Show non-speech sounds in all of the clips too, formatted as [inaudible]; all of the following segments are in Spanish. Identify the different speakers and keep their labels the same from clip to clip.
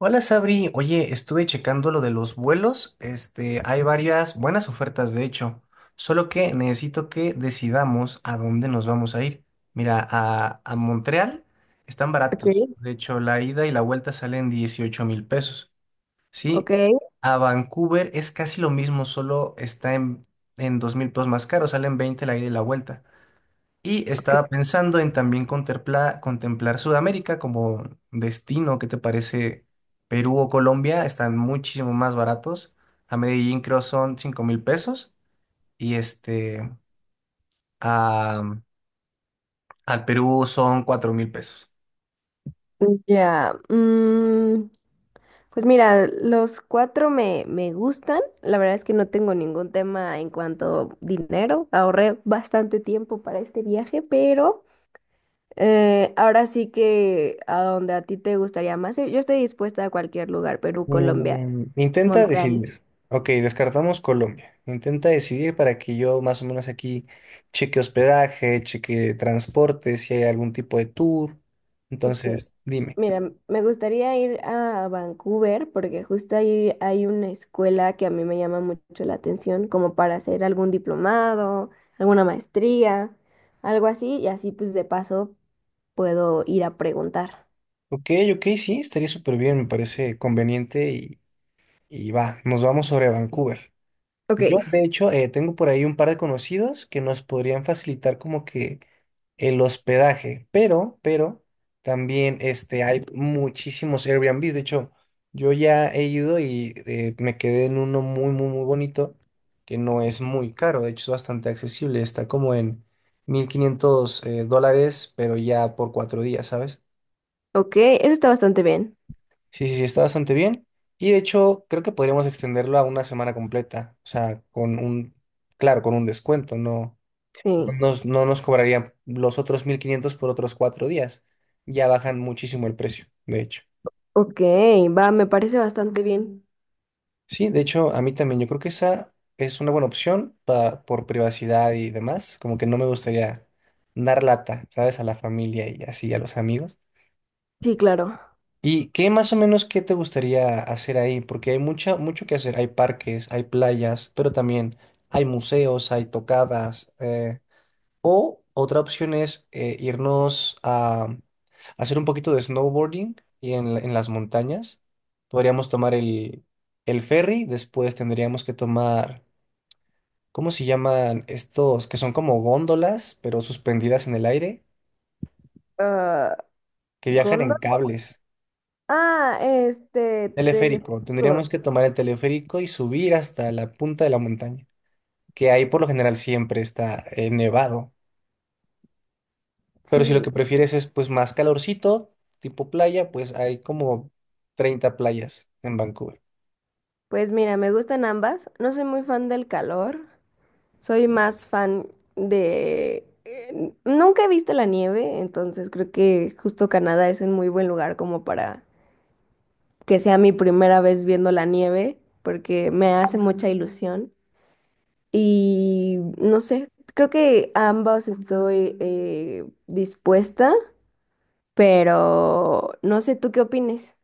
Speaker 1: Hola Sabri, oye, estuve checando lo de los vuelos, hay varias buenas ofertas de hecho, solo que necesito que decidamos a dónde nos vamos a ir. Mira, a Montreal están
Speaker 2: Ok,
Speaker 1: baratos, de hecho la ida y la vuelta salen 18,000 pesos,
Speaker 2: ok,
Speaker 1: ¿sí? A Vancouver es casi lo mismo, solo está en 2 mil pesos más caro, salen 20 la ida y la vuelta. Y
Speaker 2: ok.
Speaker 1: estaba pensando en también contemplar Sudamérica como destino. ¿Qué te parece? Perú o Colombia están muchísimo más baratos. A Medellín creo son 5,000 pesos y a, al Perú son 4,000 pesos.
Speaker 2: Ya. Pues mira, los cuatro me gustan. La verdad es que no tengo ningún tema en cuanto a dinero. Ahorré bastante tiempo para este viaje, pero ahora sí que a donde a ti te gustaría más. Yo estoy dispuesta a cualquier lugar, Perú, Colombia,
Speaker 1: Intenta
Speaker 2: Montreal.
Speaker 1: decidir. Ok, descartamos Colombia. Intenta decidir para que yo más o menos aquí cheque hospedaje, cheque transporte, si hay algún tipo de tour.
Speaker 2: Ok,
Speaker 1: Entonces, dime.
Speaker 2: mira, me gustaría ir a Vancouver porque justo ahí hay una escuela que a mí me llama mucho la atención, como para hacer algún diplomado, alguna maestría, algo así, y así pues de paso puedo ir a preguntar.
Speaker 1: Ok, ok, sí, estaría súper bien, me parece conveniente y va, nos vamos sobre Vancouver.
Speaker 2: Ok,
Speaker 1: Yo, de hecho, tengo por ahí un par de conocidos que nos podrían facilitar como que el hospedaje, pero también hay muchísimos Airbnbs. De hecho, yo ya he ido y me quedé en uno muy, muy, muy bonito que no es muy caro, de hecho es bastante accesible, está como en 1.500 dólares, pero ya por 4 días, ¿sabes?
Speaker 2: ok, eso está bastante bien.
Speaker 1: Sí, sí, sí, está bastante bien. Y de hecho, creo que podríamos extenderlo a una semana completa. O sea, claro, con un descuento. No,
Speaker 2: Sí,
Speaker 1: no nos cobrarían los otros 1,500 por otros 4 días. Ya bajan muchísimo el precio, de hecho.
Speaker 2: ok, va, me parece bastante bien.
Speaker 1: Sí, de hecho, a mí también. Yo creo que esa es una buena opción para, por privacidad y demás. Como que no me gustaría dar lata, ¿sabes? A la familia y así, a los amigos.
Speaker 2: Sí, claro.
Speaker 1: ¿Y qué más o menos qué te gustaría hacer ahí? Porque hay mucho que hacer. Hay parques, hay playas, pero también hay museos, hay tocadas. O otra opción es irnos a hacer un poquito de snowboarding y en las montañas. Podríamos tomar el ferry, después tendríamos que tomar, ¿cómo se llaman estos? Que son como góndolas, pero suspendidas en el aire,
Speaker 2: Ah,
Speaker 1: que viajan
Speaker 2: Gondo.
Speaker 1: en cables.
Speaker 2: Ah,
Speaker 1: Teleférico.
Speaker 2: telefónicos.
Speaker 1: Tendríamos que tomar el teleférico y subir hasta la punta de la montaña, que ahí por lo general siempre está nevado. Pero si lo
Speaker 2: Sí,
Speaker 1: que prefieres es pues más calorcito, tipo playa, pues hay como 30 playas en Vancouver.
Speaker 2: pues mira, me gustan ambas. No soy muy fan del calor. Soy más fan de... nunca he visto la nieve, entonces creo que justo Canadá es un muy buen lugar como para que sea mi primera vez viendo la nieve, porque me hace mucha ilusión. Y no sé, creo que a ambos estoy dispuesta, pero no sé tú qué opines.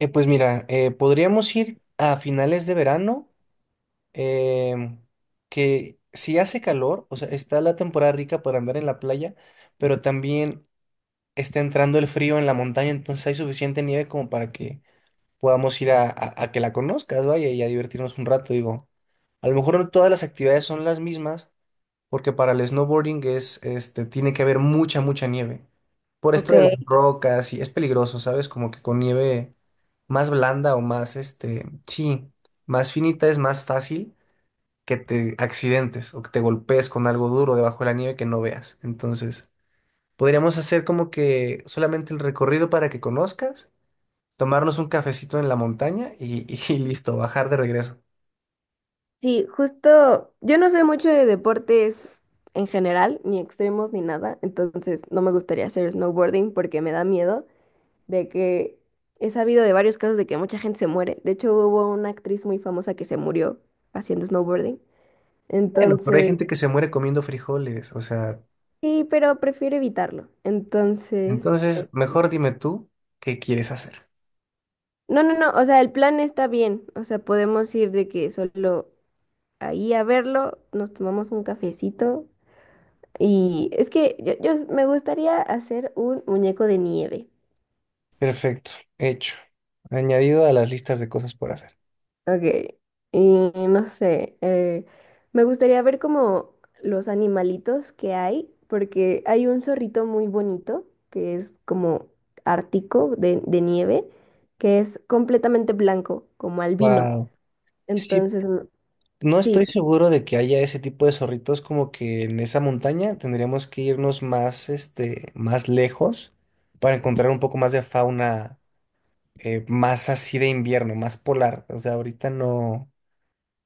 Speaker 1: Pues mira, podríamos ir a finales de verano, em, que si hace calor, o sea, está la temporada rica para andar en la playa, pero también está entrando el frío en la montaña, entonces hay suficiente nieve como para que podamos ir a que la conozcas, vaya, y a divertirnos un rato, digo. A lo mejor no todas las actividades son las mismas, porque para el snowboarding es, tiene que haber mucha, mucha nieve. Por esto
Speaker 2: Ok.
Speaker 1: de las rocas, y es peligroso, ¿sabes? Como que con nieve más blanda o más, sí, más finita es más fácil que te accidentes o que te golpees con algo duro debajo de la nieve que no veas. Entonces, podríamos hacer como que solamente el recorrido para que conozcas tomarnos un cafecito en la montaña y [laughs] listo, bajar de regreso.
Speaker 2: Sí, justo, yo no soy mucho de deportes en general, ni extremos ni nada, entonces no me gustaría hacer snowboarding porque me da miedo de que he sabido de varios casos de que mucha gente se muere. De hecho, hubo una actriz muy famosa que se murió haciendo snowboarding.
Speaker 1: Bueno, pero hay
Speaker 2: Entonces,
Speaker 1: gente que se muere comiendo frijoles, o sea,
Speaker 2: sí, pero prefiero evitarlo. Entonces,
Speaker 1: entonces mejor dime tú qué quieres hacer.
Speaker 2: no, no, no, o sea, el plan está bien, o sea, podemos ir de que solo ahí a verlo, nos tomamos un cafecito. Y es que yo me gustaría hacer un muñeco de nieve.
Speaker 1: Perfecto, hecho. Añadido a las listas de cosas por hacer.
Speaker 2: Ok, y no sé, me gustaría ver como los animalitos que hay, porque hay un zorrito muy bonito que es como ártico de nieve, que es completamente blanco, como albino.
Speaker 1: Wow. Sí,
Speaker 2: Entonces, mm,
Speaker 1: no
Speaker 2: sí,
Speaker 1: estoy seguro de que haya ese tipo de zorritos como que en esa montaña tendríamos que irnos más, más lejos para encontrar un poco más de fauna más así de invierno, más polar. O sea, ahorita no.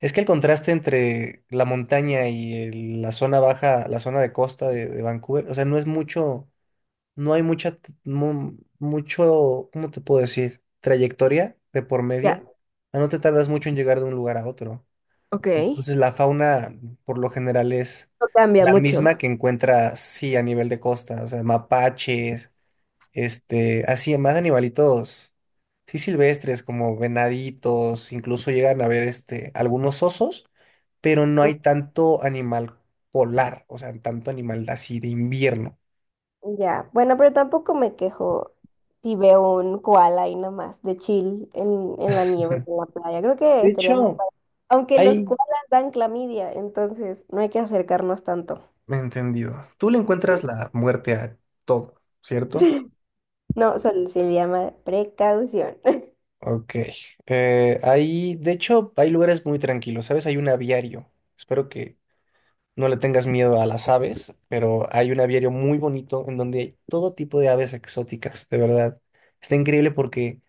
Speaker 1: Es que el contraste entre la montaña y la zona baja, la zona de costa de Vancouver, o sea, no es mucho, no hay mucho, ¿cómo te puedo decir? Trayectoria de por
Speaker 2: ya,
Speaker 1: medio. Ah, no te tardas mucho en llegar de un lugar a otro.
Speaker 2: ok.
Speaker 1: Entonces, la fauna, por lo general, es
Speaker 2: No cambia
Speaker 1: la
Speaker 2: mucho.
Speaker 1: misma que encuentras, sí, a nivel de costa, o sea, mapaches, así, más animalitos, sí, silvestres, como venaditos, incluso llegan a ver, algunos osos pero no hay tanto animal polar, o sea, tanto animal así de invierno.
Speaker 2: Ya, bueno, pero tampoco me quejo si veo un koala ahí nomás de chill en la nieve
Speaker 1: [laughs]
Speaker 2: o en la playa. Creo que
Speaker 1: De
Speaker 2: estaríamos,
Speaker 1: hecho,
Speaker 2: aunque los
Speaker 1: hay...
Speaker 2: koalas dan clamidia, entonces no hay que acercarnos tanto.
Speaker 1: Entendido. Tú le encuentras
Speaker 2: [laughs]
Speaker 1: la muerte a todo, ¿cierto?
Speaker 2: No, solo se le llama precaución. [laughs]
Speaker 1: Ok. Ahí, de hecho, hay lugares muy tranquilos, ¿sabes? Hay un aviario. Espero que no le tengas miedo a las aves, pero hay un aviario muy bonito en donde hay todo tipo de aves exóticas, de verdad. Está increíble porque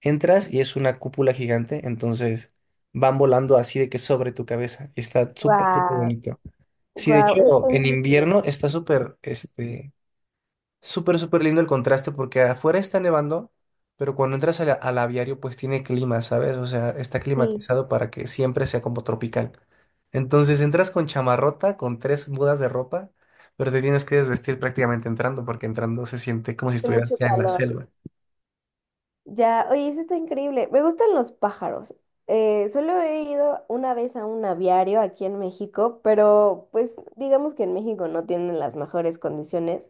Speaker 1: entras y es una cúpula gigante, entonces van volando así de que sobre tu cabeza. Y está súper, súper
Speaker 2: Guau,
Speaker 1: bonito. Sí, de
Speaker 2: guau,
Speaker 1: hecho,
Speaker 2: es
Speaker 1: en
Speaker 2: increíble.
Speaker 1: invierno está súper, súper, súper lindo el contraste porque afuera está nevando, pero cuando entras al aviario pues tiene clima, ¿sabes? O sea, está
Speaker 2: Sí,
Speaker 1: climatizado para que siempre sea como tropical. Entonces entras con chamarrota, con tres mudas de ropa, pero te tienes que desvestir prácticamente entrando porque entrando se siente como si
Speaker 2: hace
Speaker 1: estuvieras
Speaker 2: mucho
Speaker 1: ya en la
Speaker 2: calor.
Speaker 1: selva.
Speaker 2: Ya, oye, eso está increíble. Me gustan los pájaros. Solo he ido una vez a un aviario aquí en México, pero pues digamos que en México no tienen las mejores condiciones.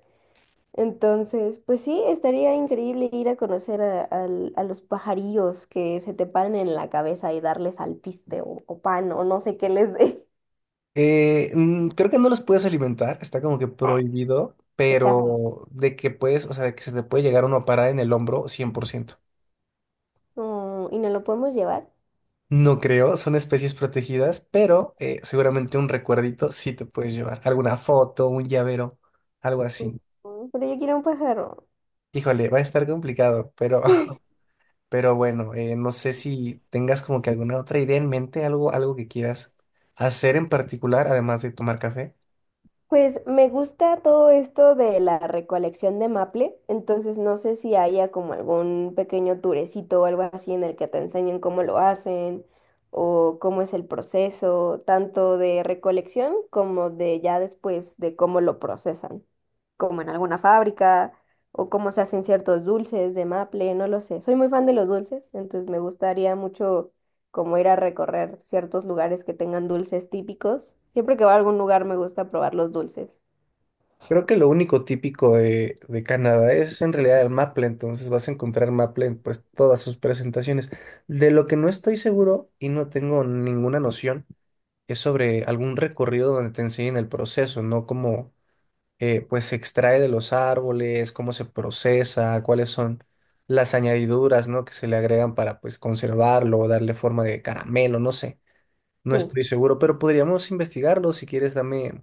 Speaker 2: Entonces, pues sí, estaría increíble ir a conocer a, a los pajarillos que se te paran en la cabeza y darles alpiste o pan o no sé qué les dé.
Speaker 1: Creo que no los puedes alimentar, está como que prohibido,
Speaker 2: [laughs] Qué chafa.
Speaker 1: pero de que puedes, o sea, de que se te puede llegar uno a parar en el hombro 100%.
Speaker 2: Mm, ¿y no lo podemos llevar?
Speaker 1: No creo, son especies protegidas, pero seguramente un recuerdito sí te puedes llevar. Alguna foto, un llavero, algo así.
Speaker 2: Mm, pero yo quiero un pájaro.
Speaker 1: Híjole, va a estar complicado, pero, [laughs] pero bueno, no sé si tengas como que alguna otra idea en mente, algo, algo que quieras hacer en particular, además de tomar café.
Speaker 2: Pues me gusta todo esto de la recolección de maple, entonces no sé si haya como algún pequeño turecito o algo así en el que te enseñen cómo lo hacen o cómo es el proceso, tanto de recolección como de ya después de cómo lo procesan, como en alguna fábrica o cómo se hacen ciertos dulces de maple, no lo sé. Soy muy fan de los dulces, entonces me gustaría mucho como ir a recorrer ciertos lugares que tengan dulces típicos. Siempre que voy a algún lugar me gusta probar los dulces.
Speaker 1: Creo que lo único típico de Canadá es en realidad el maple, entonces vas a encontrar maple en pues todas sus presentaciones. De lo que no estoy seguro y no tengo ninguna noción. Es sobre algún recorrido donde te enseñen el proceso, no cómo pues se extrae de los árboles, cómo se procesa, cuáles son las añadiduras, ¿no? que se le agregan para pues conservarlo o darle forma de caramelo, no sé. No
Speaker 2: Sí,
Speaker 1: estoy seguro, pero podríamos investigarlo. Si quieres, dame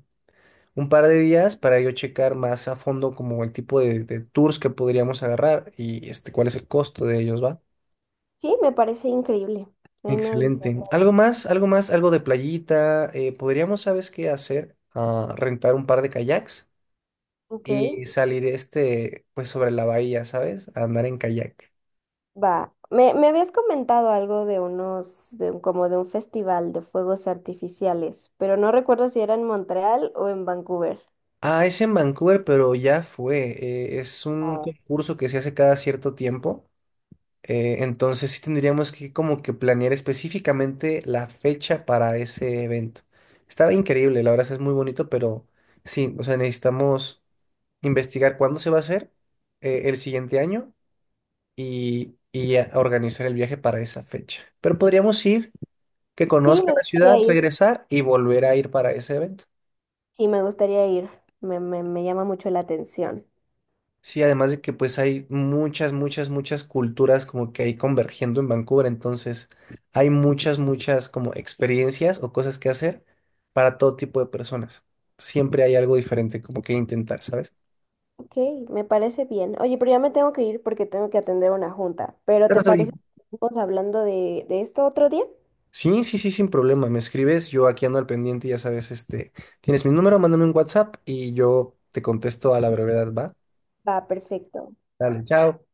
Speaker 1: un par de días para yo checar más a fondo como el tipo de tours que podríamos agarrar y cuál es el costo de ellos, ¿va?
Speaker 2: sí, me parece increíble. Ahí me avisas.
Speaker 1: Excelente. ¿Algo más? ¿Algo más? ¿Algo de playita? Podríamos, ¿sabes qué hacer? Ah, rentar un par de kayaks
Speaker 2: Ok,
Speaker 1: y salir pues sobre la bahía, ¿sabes? A andar en kayak.
Speaker 2: va. Me habías comentado algo de unos, como de un festival de fuegos artificiales, pero no recuerdo si era en Montreal o en Vancouver.
Speaker 1: Ah, es en Vancouver, pero ya fue. Es un
Speaker 2: Ah.
Speaker 1: concurso que se hace cada cierto tiempo. Entonces sí tendríamos que como que planear específicamente la fecha para ese evento. Estaba increíble, la verdad es muy bonito, pero sí, o sea, necesitamos investigar cuándo se va a hacer el siguiente año organizar el viaje para esa fecha. Pero podríamos ir, que
Speaker 2: Sí,
Speaker 1: conozca
Speaker 2: me
Speaker 1: la
Speaker 2: gustaría
Speaker 1: ciudad,
Speaker 2: ir.
Speaker 1: regresar y volver a ir para ese evento.
Speaker 2: Sí, me gustaría ir. Me llama mucho la atención.
Speaker 1: Sí, además de que pues hay muchas, muchas, muchas culturas como que hay convergiendo en Vancouver, entonces hay muchas, muchas como experiencias o cosas que hacer para todo tipo de personas. Siempre hay algo diferente como que intentar, ¿sabes?
Speaker 2: Ok, me parece bien. Oye, pero ya me tengo que ir porque tengo que atender una junta. ¿Pero
Speaker 1: Pero
Speaker 2: te
Speaker 1: sí,
Speaker 2: parece que estamos hablando de esto otro día?
Speaker 1: sí, sí, sí, sin problema. Me escribes, yo aquí ando al pendiente, ya sabes, tienes mi número, mándame un WhatsApp y yo te contesto a la brevedad, ¿va?
Speaker 2: Va, perfecto.
Speaker 1: Dale, chao.